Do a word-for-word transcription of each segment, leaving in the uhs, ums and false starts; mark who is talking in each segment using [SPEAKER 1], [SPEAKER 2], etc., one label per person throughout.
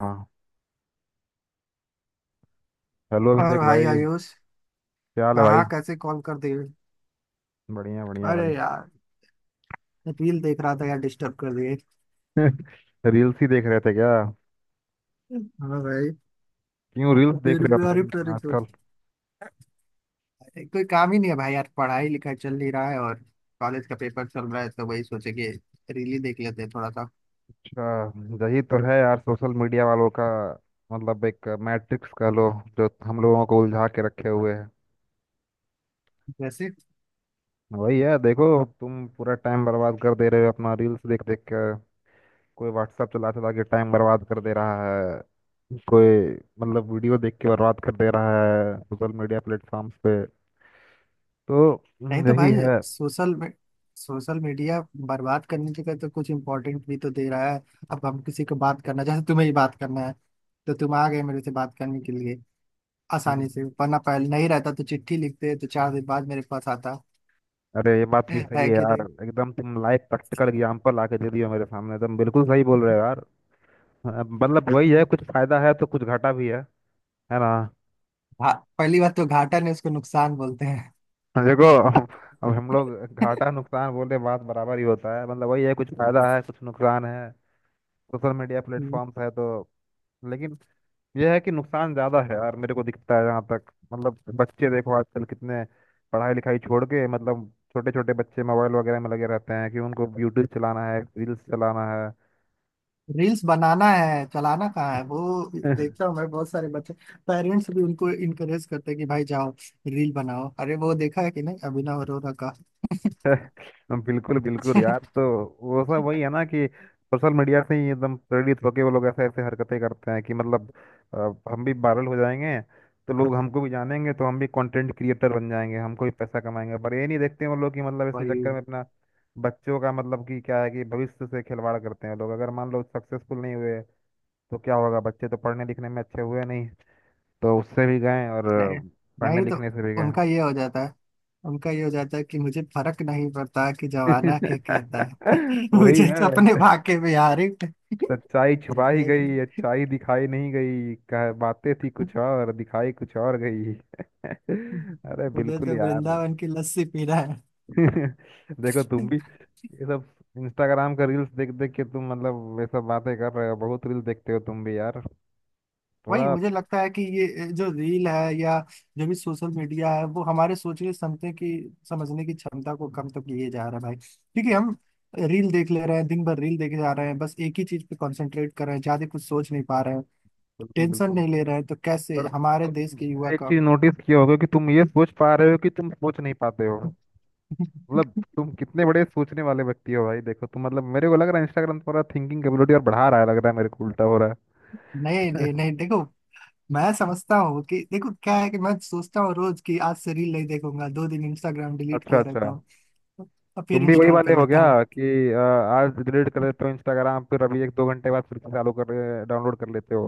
[SPEAKER 1] हाँ। हेलो
[SPEAKER 2] और
[SPEAKER 1] अभिषेक
[SPEAKER 2] भाई
[SPEAKER 1] भाई,
[SPEAKER 2] आयुष,
[SPEAKER 1] क्या हाल है भाई?
[SPEAKER 2] कहाँ कैसे कॉल कर दिए?
[SPEAKER 1] बढ़िया बढ़िया
[SPEAKER 2] अरे
[SPEAKER 1] भाई।
[SPEAKER 2] यार, रील देख रहा था यार, डिस्टर्ब कर दिए।
[SPEAKER 1] रील्स ही देख रहे थे क्या?
[SPEAKER 2] हाँ भाई।
[SPEAKER 1] क्यों रील्स देख
[SPEAKER 2] तेरे
[SPEAKER 1] रहे हो
[SPEAKER 2] पे, अरे
[SPEAKER 1] भाई इतना
[SPEAKER 2] तेरे पे।
[SPEAKER 1] आजकल?
[SPEAKER 2] कोई काम ही नहीं है भाई यार, पढ़ाई लिखाई चल नहीं रहा है, और कॉलेज का पेपर चल रहा है, तो वही सोचे कि रील ही देख लेते हैं थोड़ा सा।
[SPEAKER 1] अच्छा, यही तो है यार सोशल मीडिया वालों का। मतलब एक मैट्रिक्स कह लो जो हम लोगों को उलझा के रखे हुए है।
[SPEAKER 2] वैसे
[SPEAKER 1] वही है देखो। तुम पूरा टाइम बर्बाद कर दे रहे हो अपना रील्स देख देख कर। कोई व्हाट्सएप चला चला के टाइम बर्बाद कर दे रहा है, कोई मतलब वीडियो देख के बर्बाद कर दे रहा है सोशल मीडिया प्लेटफॉर्म्स पे। तो
[SPEAKER 2] नहीं
[SPEAKER 1] हम्म,
[SPEAKER 2] तो
[SPEAKER 1] यही
[SPEAKER 2] भाई,
[SPEAKER 1] है।
[SPEAKER 2] सोशल में सोशल मीडिया बर्बाद करने की तो कुछ इम्पोर्टेंट भी तो दे रहा है। अब हम किसी को बात करना, जैसे तुम्हें ही बात करना है, तो तुम आ गए मेरे से बात करने के लिए आसानी
[SPEAKER 1] हम्म।
[SPEAKER 2] से, वरना पहले नहीं रहता तो चिट्ठी लिखते तो चार दिन बाद मेरे पास आता।
[SPEAKER 1] अरे ये बात भी सही
[SPEAKER 2] है
[SPEAKER 1] है
[SPEAKER 2] कि
[SPEAKER 1] यार,
[SPEAKER 2] नहीं?
[SPEAKER 1] एकदम तुम लाइव प्रैक्टिकल एग्जाम्पल आके दे दियो मेरे सामने, एकदम बिल्कुल सही बोल रहे हो यार। अ, मतलब वही है,
[SPEAKER 2] हम्म।
[SPEAKER 1] कुछ फायदा है तो कुछ घाटा भी है। है ना?
[SPEAKER 2] घा- पहली बात तो घाटा ने, उसको नुकसान बोलते हैं।
[SPEAKER 1] देखो, अब हम लोग घाटा नुकसान बोले बात बराबर ही होता है। मतलब वही है, कुछ फायदा है कुछ नुकसान है। सोशल मीडिया
[SPEAKER 2] हम्म।
[SPEAKER 1] प्लेटफॉर्म्स है तो। लेकिन यह है कि नुकसान ज्यादा है यार, मेरे को दिखता है जहाँ तक। मतलब बच्चे देखो आजकल कितने पढ़ाई लिखाई छोड़ के, मतलब छोटे छोटे बच्चे मोबाइल वगैरह में लगे रहते हैं कि उनको यूट्यूब चलाना है, रील्स चलाना
[SPEAKER 2] रील्स बनाना है, चलाना कहाँ है वो।
[SPEAKER 1] है।
[SPEAKER 2] देखता हूँ मैं, बहुत सारे बच्चे पेरेंट्स भी उनको इनकरेज करते हैं कि भाई जाओ रील बनाओ। अरे वो देखा है कि नहीं, अभिनव अरोरा का?
[SPEAKER 1] हम बिल्कुल बिल्कुल यार। तो वो सब वही है ना कि सोशल मीडिया से ही एकदम प्रेरित होके वो लोग ऐसे ऐसे हरकतें करते हैं कि मतलब अ, हम भी वायरल हो जाएंगे, तो लोग हमको भी जानेंगे, तो हम भी कंटेंट क्रिएटर बन जाएंगे, हमको भी पैसा कमाएंगे। पर ये नहीं देखते वो लोग कि मतलब इसके
[SPEAKER 2] भाई
[SPEAKER 1] चक्कर में अपना बच्चों का मतलब कि क्या है कि भविष्य से खिलवाड़ करते हैं लोग। अगर मान लो सक्सेसफुल नहीं हुए तो क्या होगा? बच्चे तो पढ़ने लिखने में अच्छे हुए नहीं, तो उससे भी गए और अ,
[SPEAKER 2] नहीं
[SPEAKER 1] पढ़ने
[SPEAKER 2] नहीं, तो
[SPEAKER 1] लिखने से भी गए।
[SPEAKER 2] उनका ये हो जाता है, उनका ये हो जाता है कि मुझे फर्क नहीं पड़ता कि जमाना क्या कहता है,
[SPEAKER 1] वही
[SPEAKER 2] मुझे तो अपने
[SPEAKER 1] है।
[SPEAKER 2] भाग्य में यार। लेकिन
[SPEAKER 1] सच्चाई छुपा ही गई, अच्छाई दिखाई नहीं गई, कह बातें थी कुछ और, दिखाई कुछ और गई। अरे
[SPEAKER 2] मुझे
[SPEAKER 1] बिल्कुल
[SPEAKER 2] तो
[SPEAKER 1] यार।
[SPEAKER 2] वृंदावन की लस्सी पीना है।
[SPEAKER 1] देखो तुम भी ये सब इंस्टाग्राम का रील्स देख देख के तुम मतलब ये सब बातें कर रहे हो, बहुत रील्स देखते हो तुम भी यार
[SPEAKER 2] वही,
[SPEAKER 1] थोड़ा।
[SPEAKER 2] मुझे लगता है कि ये जो रील है या जो भी सोशल मीडिया है, वो हमारे सोचने क्षमता की, समझने की क्षमता को कम तो किए जा रहा है भाई। क्योंकि हम रील देख ले रहे हैं, दिन भर रील देखे जा रहे हैं, बस एक ही चीज पे कंसंट्रेट कर रहे हैं, ज्यादा कुछ सोच नहीं पा रहे हैं,
[SPEAKER 1] बिल्कुल
[SPEAKER 2] टेंशन
[SPEAKER 1] बिल्कुल।
[SPEAKER 2] नहीं ले रहे हैं, तो कैसे
[SPEAKER 1] पर
[SPEAKER 2] हमारे देश
[SPEAKER 1] तुम
[SPEAKER 2] के युवा
[SPEAKER 1] एक
[SPEAKER 2] का।
[SPEAKER 1] चीज नोटिस किए होगे कि तुम ये सोच पा रहे हो कि तुम सोच नहीं पाते हो। मतलब तुम कितने बड़े सोचने वाले व्यक्ति हो भाई, देखो तुम। मतलब मेरे को लग रहा है इंस्टाग्राम थोड़ा थिंकिंग कैपेबिलिटी और बढ़ा रहा है, लग रहा है मेरे को उल्टा हो रहा है।
[SPEAKER 2] नहीं नहीं नहीं देखो, मैं समझता हूँ कि देखो क्या है कि मैं सोचता हूँ रोज कि आज से रील नहीं देखूंगा, दो दिन इंस्टाग्राम डिलीट
[SPEAKER 1] अच्छा
[SPEAKER 2] किया रहता
[SPEAKER 1] अच्छा,
[SPEAKER 2] हूँ और फिर
[SPEAKER 1] तुम भी वही
[SPEAKER 2] इंस्टॉल कर
[SPEAKER 1] वाले हो
[SPEAKER 2] लेता हूँ।
[SPEAKER 1] गया कि अ, आज डिलीट कर लेते हो इंस्टाग्राम, फिर अभी एक दो घंटे बाद फिर से चालू कर डाउनलोड कर लेते हो।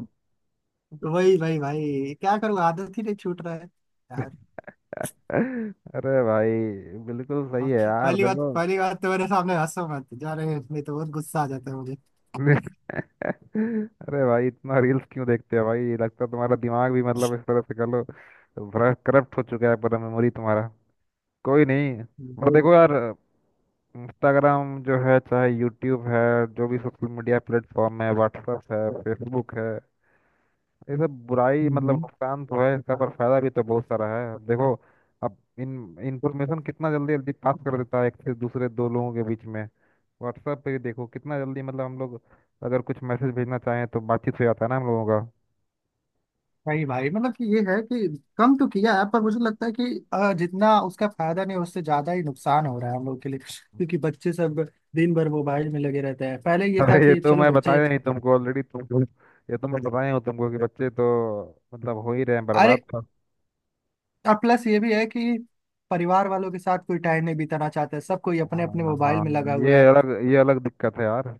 [SPEAKER 2] तो वही भाई भाई, क्या करूँ, आदत ही नहीं छूट रहा है यार।
[SPEAKER 1] अरे भाई, बिल्कुल सही
[SPEAKER 2] हाँ,
[SPEAKER 1] है यार
[SPEAKER 2] पहली बात,
[SPEAKER 1] देखो।
[SPEAKER 2] पहली बात तो मेरे सामने हंसो मत जा रहे हैं, नहीं तो बहुत गुस्सा आ जाता है मुझे
[SPEAKER 1] अरे भाई, इतना रील्स क्यों देखते हो भाई? लगता है तुम्हारा दिमाग भी मतलब इस तरह से कर लो, बड़ा करप्ट हो चुका है पूरा मेमोरी तुम्हारा। कोई नहीं। पर
[SPEAKER 2] भाई।
[SPEAKER 1] देखो यार, इंस्टाग्राम जो है, चाहे यूट्यूब है, जो भी सोशल मीडिया प्लेटफॉर्म है, व्हाट्सएप है, फेसबुक है, ये सब बुराई मतलब
[SPEAKER 2] हम्म।
[SPEAKER 1] नुकसान तो है इसका, पर फायदा भी तो बहुत सारा है। अब देखो, अब इन इंफॉर्मेशन कितना जल्दी जल्दी पास कर देता है एक से दूसरे, दो लोगों के बीच में। व्हाट्सएप पे भी देखो कितना जल्दी, मतलब हम लोग अगर कुछ मैसेज भेजना चाहें तो बातचीत हो जाता है ना हम लोगों का।
[SPEAKER 2] भाई भाई, मतलब कि ये है कि कम तो किया है, पर मुझे लगता है कि अ, जितना उसका फायदा नहीं, उससे ज्यादा ही नुकसान हो रहा है हम लोग के लिए। क्योंकि बच्चे सब दिन भर मोबाइल में लगे रहते हैं, पहले ये था
[SPEAKER 1] अरे ये
[SPEAKER 2] कि
[SPEAKER 1] तो
[SPEAKER 2] चलो
[SPEAKER 1] मैं
[SPEAKER 2] बच्चे।
[SPEAKER 1] बताया नहीं तुमको ऑलरेडी तुमको, ये तो मैं बताया हूँ तुमको कि बच्चे तो मतलब हो ही रहे हैं
[SPEAKER 2] अरे,
[SPEAKER 1] बर्बाद।
[SPEAKER 2] और प्लस ये भी है कि परिवार वालों के साथ कोई टाइम नहीं बिताना चाहता है, सब कोई अपने अपने
[SPEAKER 1] हाँ
[SPEAKER 2] मोबाइल
[SPEAKER 1] हाँ,
[SPEAKER 2] में लगा हुआ
[SPEAKER 1] ये
[SPEAKER 2] है।
[SPEAKER 1] अलग ये अलग दिक्कत है यार।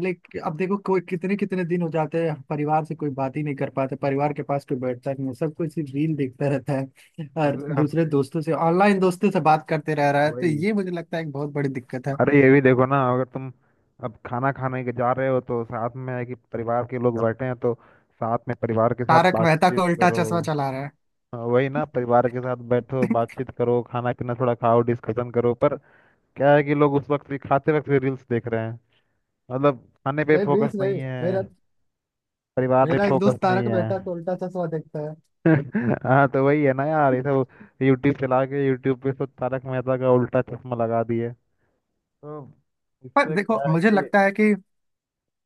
[SPEAKER 2] लेकिन अब देखो, कोई कितने कितने दिन हो जाते हैं परिवार से कोई बात ही नहीं कर पाते, परिवार के पास कोई बैठता नहीं है, सब कोई सिर्फ रील देखता रहता है, और
[SPEAKER 1] अब
[SPEAKER 2] दूसरे दोस्तों से, ऑनलाइन दोस्तों से बात करते रह रहा है, तो
[SPEAKER 1] वही,
[SPEAKER 2] ये मुझे लगता है एक बहुत बड़ी दिक्कत है।
[SPEAKER 1] अरे ये भी देखो ना, अगर तुम अब खाना खाने के जा रहे हो तो साथ में है कि परिवार के लोग बैठे हैं, तो साथ में परिवार के साथ
[SPEAKER 2] तारक मेहता को
[SPEAKER 1] बातचीत
[SPEAKER 2] उल्टा
[SPEAKER 1] करो।
[SPEAKER 2] चश्मा चला रहा है।
[SPEAKER 1] हाँ, वही ना, परिवार के साथ बैठो, बातचीत करो, खाना पीना थोड़ा खाओ, डिस्कशन करो। पर क्या है कि लोग उस वक्त भी, खाते वक्त भी रील्स देख रहे हैं। मतलब खाने पे
[SPEAKER 2] नहीं,
[SPEAKER 1] फोकस
[SPEAKER 2] रील्स
[SPEAKER 1] नहीं
[SPEAKER 2] नहीं,
[SPEAKER 1] है,
[SPEAKER 2] मेरा,
[SPEAKER 1] परिवार पे
[SPEAKER 2] मेरा एक
[SPEAKER 1] फोकस
[SPEAKER 2] दोस्त
[SPEAKER 1] नहीं
[SPEAKER 2] तारक
[SPEAKER 1] है।
[SPEAKER 2] मेहता को उल्टा चश्मा देखता है।
[SPEAKER 1] हाँ, तो वही है ना यार, ये सब यूट्यूब चला के यूट्यूब पे सब तारक मेहता का उल्टा चश्मा लगा दिए। तो
[SPEAKER 2] पर
[SPEAKER 1] इससे
[SPEAKER 2] देखो,
[SPEAKER 1] क्या है
[SPEAKER 2] मुझे
[SPEAKER 1] कि
[SPEAKER 2] लगता है कि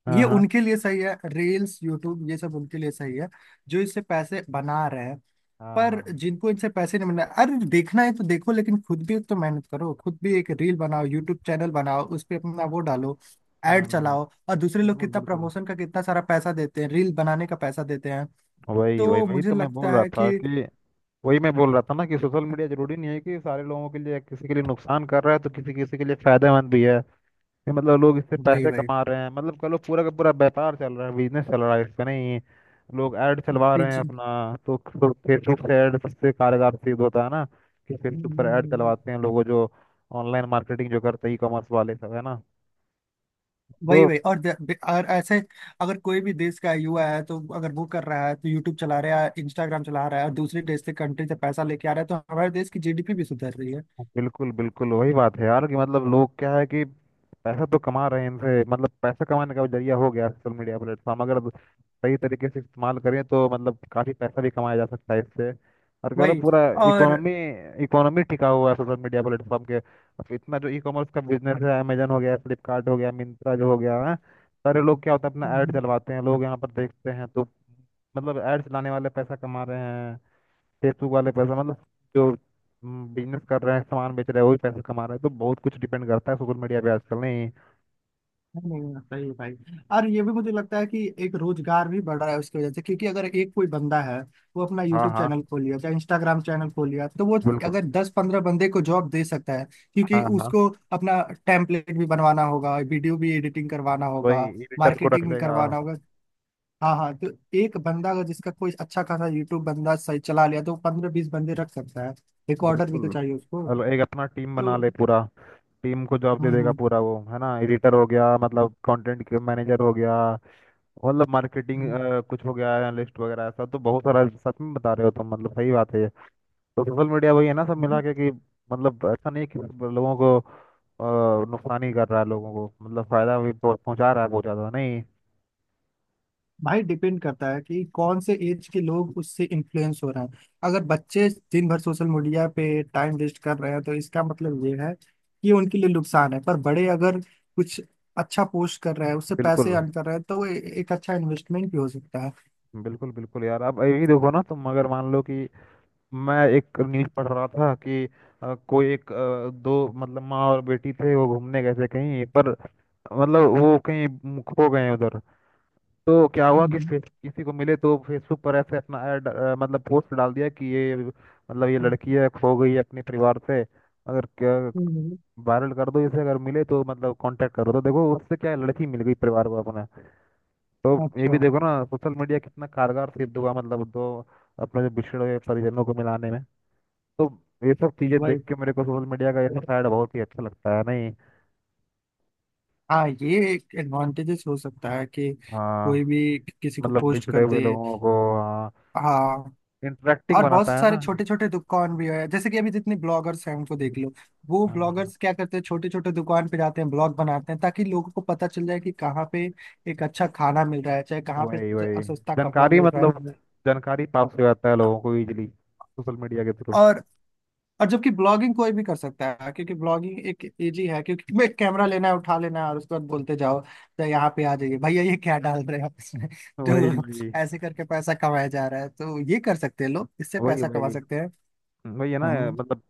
[SPEAKER 1] हाँ
[SPEAKER 2] ये
[SPEAKER 1] हाँ,
[SPEAKER 2] उनके लिए सही है, रील्स यूट्यूब ये सब उनके लिए सही है जो इससे पैसे बना रहे हैं।
[SPEAKER 1] हाँ
[SPEAKER 2] पर
[SPEAKER 1] हाँ।
[SPEAKER 2] जिनको इनसे पैसे नहीं मिल रहे, अरे देखना है तो देखो, लेकिन खुद भी तो मेहनत करो, खुद भी एक रील बनाओ, यूट्यूब चैनल बनाओ, उस पर अपना वो डालो, एड
[SPEAKER 1] हम्म,
[SPEAKER 2] चलाओ, और दूसरे लोग
[SPEAKER 1] बिल्कुल
[SPEAKER 2] कितना
[SPEAKER 1] बिल्कुल।
[SPEAKER 2] प्रमोशन का कितना सारा पैसा देते हैं, रील बनाने का पैसा देते हैं।
[SPEAKER 1] वही वही
[SPEAKER 2] तो
[SPEAKER 1] वही
[SPEAKER 2] मुझे
[SPEAKER 1] तो मैं बोल
[SPEAKER 2] लगता
[SPEAKER 1] रहा
[SPEAKER 2] है
[SPEAKER 1] था
[SPEAKER 2] कि
[SPEAKER 1] कि, वही मैं बोल रहा था ना कि सोशल मीडिया जरूरी नहीं है कि सारे लोगों के लिए, किसी के लिए नुकसान कर रहा है तो किसी किसी के लिए फायदेमंद भी है। ये मतलब लोग इससे
[SPEAKER 2] वही
[SPEAKER 1] पैसे
[SPEAKER 2] वही
[SPEAKER 1] कमा रहे हैं, मतलब कह लो पूरा का पूरा व्यापार चल रहा है, बिजनेस चल रहा है इससे नहीं। लोग ऐड चलवा रहे हैं
[SPEAKER 2] बीच-
[SPEAKER 1] अपना। तो फेसबुक से ऐड सबसे कारगर सिद्ध होता है ना, कि फेसबुक पर ऐड चलवाते हैं लोगों जो ऑनलाइन मार्केटिंग जो करते हैं, ई कॉमर्स वाले सब, है ना?
[SPEAKER 2] वही
[SPEAKER 1] तो
[SPEAKER 2] वही और द- ब- और ऐसे, अगर कोई भी देश का युवा है तो, अगर वो कर रहा है तो, यूट्यूब चला रहा है, इंस्टाग्राम चला रहा है, और दूसरे देश से, कंट्री से पैसा लेके आ रहा है, तो हमारे देश की जीडीपी भी सुधर रही है।
[SPEAKER 1] बिल्कुल बिल्कुल वही बात है यार कि मतलब लोग क्या है कि पैसा तो कमा रहे हैं इनसे। मतलब पैसा कमाने का जरिया हो गया सोशल मीडिया प्लेटफॉर्म, अगर सही तरीके से इस्तेमाल करें तो मतलब काफी पैसा भी कमाया जा सकता है इससे। और कह लो
[SPEAKER 2] वही।
[SPEAKER 1] पूरा
[SPEAKER 2] और
[SPEAKER 1] इकोनॉमी, इकोनॉमी टिका हुआ है सोशल मीडिया प्लेटफॉर्म के। अब इतना जो ई कॉमर्स का बिजनेस है, अमेजन हो गया, फ्लिपकार्ट हो गया, मिंत्रा जो हो गया है, सारे लोग क्या होता है अपना ऐड
[SPEAKER 2] हम्म,
[SPEAKER 1] चलवाते हैं, लोग यहाँ पर देखते हैं। तो मतलब ऐड चलाने वाले पैसा कमा रहे हैं, फेसबुक वाले पैसा, मतलब जो बिजनेस कर रहे हैं, सामान बेच रहे हैं, वही पैसा कमा रहे हैं। तो बहुत कुछ डिपेंड करता है सोशल मीडिया पे आजकल नहीं।
[SPEAKER 2] नहीं, नहीं, सही है भाई। और ये भी मुझे लगता है कि एक रोजगार भी बढ़ रहा है उसकी वजह से। क्योंकि अगर एक कोई बंदा है, वो अपना
[SPEAKER 1] हाँ
[SPEAKER 2] यूट्यूब
[SPEAKER 1] हाँ,
[SPEAKER 2] चैनल खोल लिया, चाहे इंस्टाग्राम चैनल खोल लिया, तो वो
[SPEAKER 1] बिल्कुल।
[SPEAKER 2] अगर दस पंद्रह बंदे को जॉब दे सकता है, क्योंकि
[SPEAKER 1] हाँ हाँ,
[SPEAKER 2] उसको अपना टेम्पलेट भी बनवाना होगा, वीडियो भी एडिटिंग करवाना होगा,
[SPEAKER 1] वही एडिटर को रख
[SPEAKER 2] मार्केटिंग भी
[SPEAKER 1] लेगा।
[SPEAKER 2] करवाना होगा। हाँ हाँ, तो एक बंदा अगर, जिसका कोई अच्छा खासा यूट्यूब बंदा सही चला लिया, तो पंद्रह बीस बंदे रख सकता है, रिकॉर्डर भी तो
[SPEAKER 1] बिल्कुल,
[SPEAKER 2] चाहिए उसको।
[SPEAKER 1] और एक अपना टीम बना
[SPEAKER 2] तो
[SPEAKER 1] ले पूरा, टीम को जॉब
[SPEAKER 2] हम्म,
[SPEAKER 1] दे देगा
[SPEAKER 2] हम्म
[SPEAKER 1] पूरा, वो है ना, एडिटर हो गया, मतलब कंटेंट मैनेजर हो गया, मतलब मार्केटिंग
[SPEAKER 2] हम्म,
[SPEAKER 1] कुछ हो गया, एनालिस्ट वगैरह। ऐसा तो बहुत सारा सच में बता रहे हो तुम, मतलब सही बात है ये। तो सोशल मीडिया वही है ना सब मिला
[SPEAKER 2] हम्म।
[SPEAKER 1] के कि मतलब ऐसा नहीं है कि मतलब लोगों को अ, नुकसान ही कर रहा है, लोगों को मतलब फायदा भी पहुं- पहुंचा रहा है बहुत ज्यादा नहीं।
[SPEAKER 2] भाई डिपेंड करता है कि कौन से एज के लोग उससे इन्फ्लुएंस हो रहे हैं। अगर बच्चे दिन भर सोशल मीडिया पे टाइम वेस्ट कर रहे हैं, तो इसका मतलब ये है कि उनके लिए नुकसान है। पर बड़े अगर कुछ अच्छा पोस्ट कर रहे हैं, उससे पैसे
[SPEAKER 1] बिल्कुल
[SPEAKER 2] अर्न कर रहे हैं, तो वो ए- एक अच्छा इन्वेस्टमेंट भी हो सकता है।
[SPEAKER 1] बिल्कुल बिल्कुल यार। अब यही देखो ना, तुम अगर मान लो कि मैं एक न्यूज पढ़ रहा था कि अ, कोई एक अ, दो, मतलब माँ और बेटी थे, वो घूमने गए थे कहीं पर, मतलब वो कहीं खो गए उधर। तो क्या हुआ कि
[SPEAKER 2] हम्म,
[SPEAKER 1] फेस किसी को मिले, तो फेसबुक पर ऐसे अपना ऐड अ, मतलब पोस्ट डाल दिया कि ये मतलब ये
[SPEAKER 2] हम्म,
[SPEAKER 1] लड़की है, खो गई है अपने परिवार से, अगर
[SPEAKER 2] हम्म,
[SPEAKER 1] वायरल कर दो इसे, अगर मिले तो मतलब कांटेक्ट करो। तो देखो उससे क्या है, लड़की मिल गई परिवार को अपना। तो ये भी
[SPEAKER 2] अच्छा।
[SPEAKER 1] देखो ना, सोशल मीडिया कितना कारगर सिद्ध हुआ मतलब दो अपने जो बिछड़े हुए परिजनों को मिलाने में। तो ये सब चीजें देख
[SPEAKER 2] वही।
[SPEAKER 1] के मेरे को सोशल मीडिया का ये सब साइड बहुत ही अच्छा लगता है नहीं।
[SPEAKER 2] हाँ, ये एक एडवांटेजेस हो सकता है कि
[SPEAKER 1] हाँ,
[SPEAKER 2] कोई भी किसी को
[SPEAKER 1] मतलब
[SPEAKER 2] पोस्ट
[SPEAKER 1] बिछड़े
[SPEAKER 2] कर
[SPEAKER 1] हुए
[SPEAKER 2] दे।
[SPEAKER 1] लोगों को। हाँ,
[SPEAKER 2] हाँ।
[SPEAKER 1] इंटरेक्टिंग
[SPEAKER 2] और बहुत
[SPEAKER 1] बनाता है
[SPEAKER 2] सारे
[SPEAKER 1] ना।
[SPEAKER 2] छोटे छोटे दुकान भी है, जैसे कि अभी जितने ब्लॉगर्स हैं उनको देख लो, वो
[SPEAKER 1] हाँ,
[SPEAKER 2] ब्लॉगर्स क्या करते हैं, छोटे छोटे दुकान पे जाते हैं, ब्लॉग बनाते हैं, ताकि लोगों को पता चल जाए कि कहाँ पे एक अच्छा खाना मिल रहा है, चाहे कहाँ पे
[SPEAKER 1] वही वही,
[SPEAKER 2] सस्ता कपड़ा
[SPEAKER 1] जानकारी,
[SPEAKER 2] मिल रहा है।
[SPEAKER 1] मतलब जानकारी प्राप्त हो जाता है लोगों को इजीली सोशल मीडिया के थ्रू।
[SPEAKER 2] और, और जबकि ब्लॉगिंग कोई भी कर सकता है, क्योंकि ब्लॉगिंग एक इजी है, क्योंकि मैं कैमरा लेना है, उठा लेना है, और उसके बाद बोलते जाओ तो यहाँ पे आ जाइए भैया, ये क्या डाल रहे हैं आप इसमें,
[SPEAKER 1] वही
[SPEAKER 2] तो
[SPEAKER 1] वही,
[SPEAKER 2] ऐसे करके पैसा कमाया जा रहा है, तो ये कर सकते हैं, लोग इससे
[SPEAKER 1] वही
[SPEAKER 2] पैसा कमा
[SPEAKER 1] वही।
[SPEAKER 2] सकते हैं।
[SPEAKER 1] वही है ना
[SPEAKER 2] हम।
[SPEAKER 1] मतलब,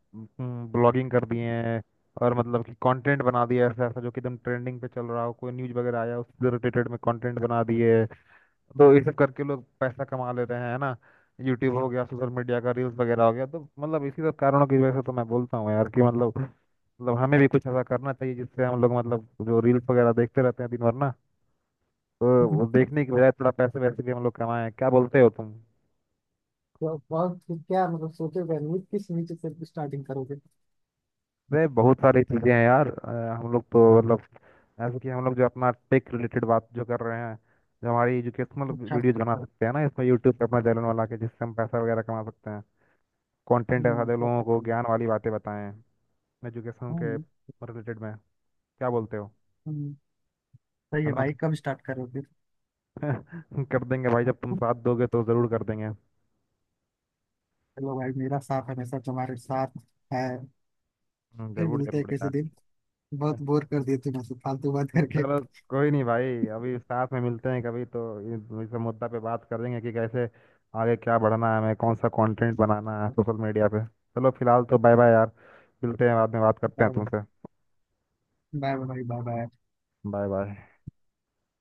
[SPEAKER 1] ब्लॉगिंग कर दिए हैं और मतलब कि कंटेंट बना दिया ऐसा ऐसा जो कि एकदम ट्रेंडिंग पे चल रहा हो, कोई न्यूज़ वगैरह आया उससे रिलेटेड में कंटेंट बना दिए, तो ये सब करके लोग पैसा कमा ले रहे हैं, है ना? यूट्यूब हो गया, सोशल मीडिया का रील्स वगैरह हो गया। तो मतलब इसी सब कारणों की वजह से तो मैं बोलता हूँ यार कि मतलब, मतलब हमें भी कुछ ऐसा करना चाहिए जिससे हम लोग मतलब जो रील्स वगैरह देखते रहते हैं दिन भर ना, तो वो देखने के बजाय थोड़ा पैसे वैसे भी हम लोग कमाएं। क्या बोलते हो तुम?
[SPEAKER 2] तो बहुत क्या मतलब सोचे हुए हैं, किस नीचे से स्टार्टिंग करोगे?
[SPEAKER 1] अरे बहुत सारी चीजें हैं यार, अ, हम लोग तो मतलब ऐसे कि हम लोग जो अपना टेक रिलेटेड बात जो कर रहे हैं, जो हमारी एजुकेशनल
[SPEAKER 2] अच्छा,
[SPEAKER 1] वीडियोज बना सकते हैं ना इसमें, यूट्यूब पे अपना चैनल बना के, जिससे हम पैसा वगैरह कमा सकते हैं। कंटेंट ऐसा
[SPEAKER 2] हम्म,
[SPEAKER 1] दे
[SPEAKER 2] कर
[SPEAKER 1] लोगों को,
[SPEAKER 2] सकते हैं।
[SPEAKER 1] ज्ञान वाली बातें बताएं, एजुकेशन के
[SPEAKER 2] हम्म,
[SPEAKER 1] रिलेटेड में। क्या बोलते हो,
[SPEAKER 2] हम्म, सही
[SPEAKER 1] है
[SPEAKER 2] है
[SPEAKER 1] ना?
[SPEAKER 2] भाई, कब स्टार्ट करोगे?
[SPEAKER 1] कर देंगे भाई, जब तुम साथ दोगे तो जरूर कर देंगे।
[SPEAKER 2] चलो भाई, मेरा साथ हमेशा तुम्हारे साथ है।
[SPEAKER 1] हम्म,
[SPEAKER 2] फिर
[SPEAKER 1] जरूर
[SPEAKER 2] मिलते हैं
[SPEAKER 1] जरूर
[SPEAKER 2] किसी
[SPEAKER 1] यार।
[SPEAKER 2] दिन, बहुत बोर कर दिए तुम ऐसे फालतू बात करके।
[SPEAKER 1] चलो, कोई नहीं भाई, अभी साथ में मिलते हैं कभी, तो इस इस मुद्दा पे बात करेंगे कि कैसे आगे क्या बढ़ना है हमें, कौन सा कंटेंट बनाना है सोशल मीडिया पे। चलो फिलहाल तो बाय बाय यार, मिलते हैं बाद में, बात करते
[SPEAKER 2] बाय,
[SPEAKER 1] हैं तुमसे।
[SPEAKER 2] Bye bye bye bye.
[SPEAKER 1] Bye bye.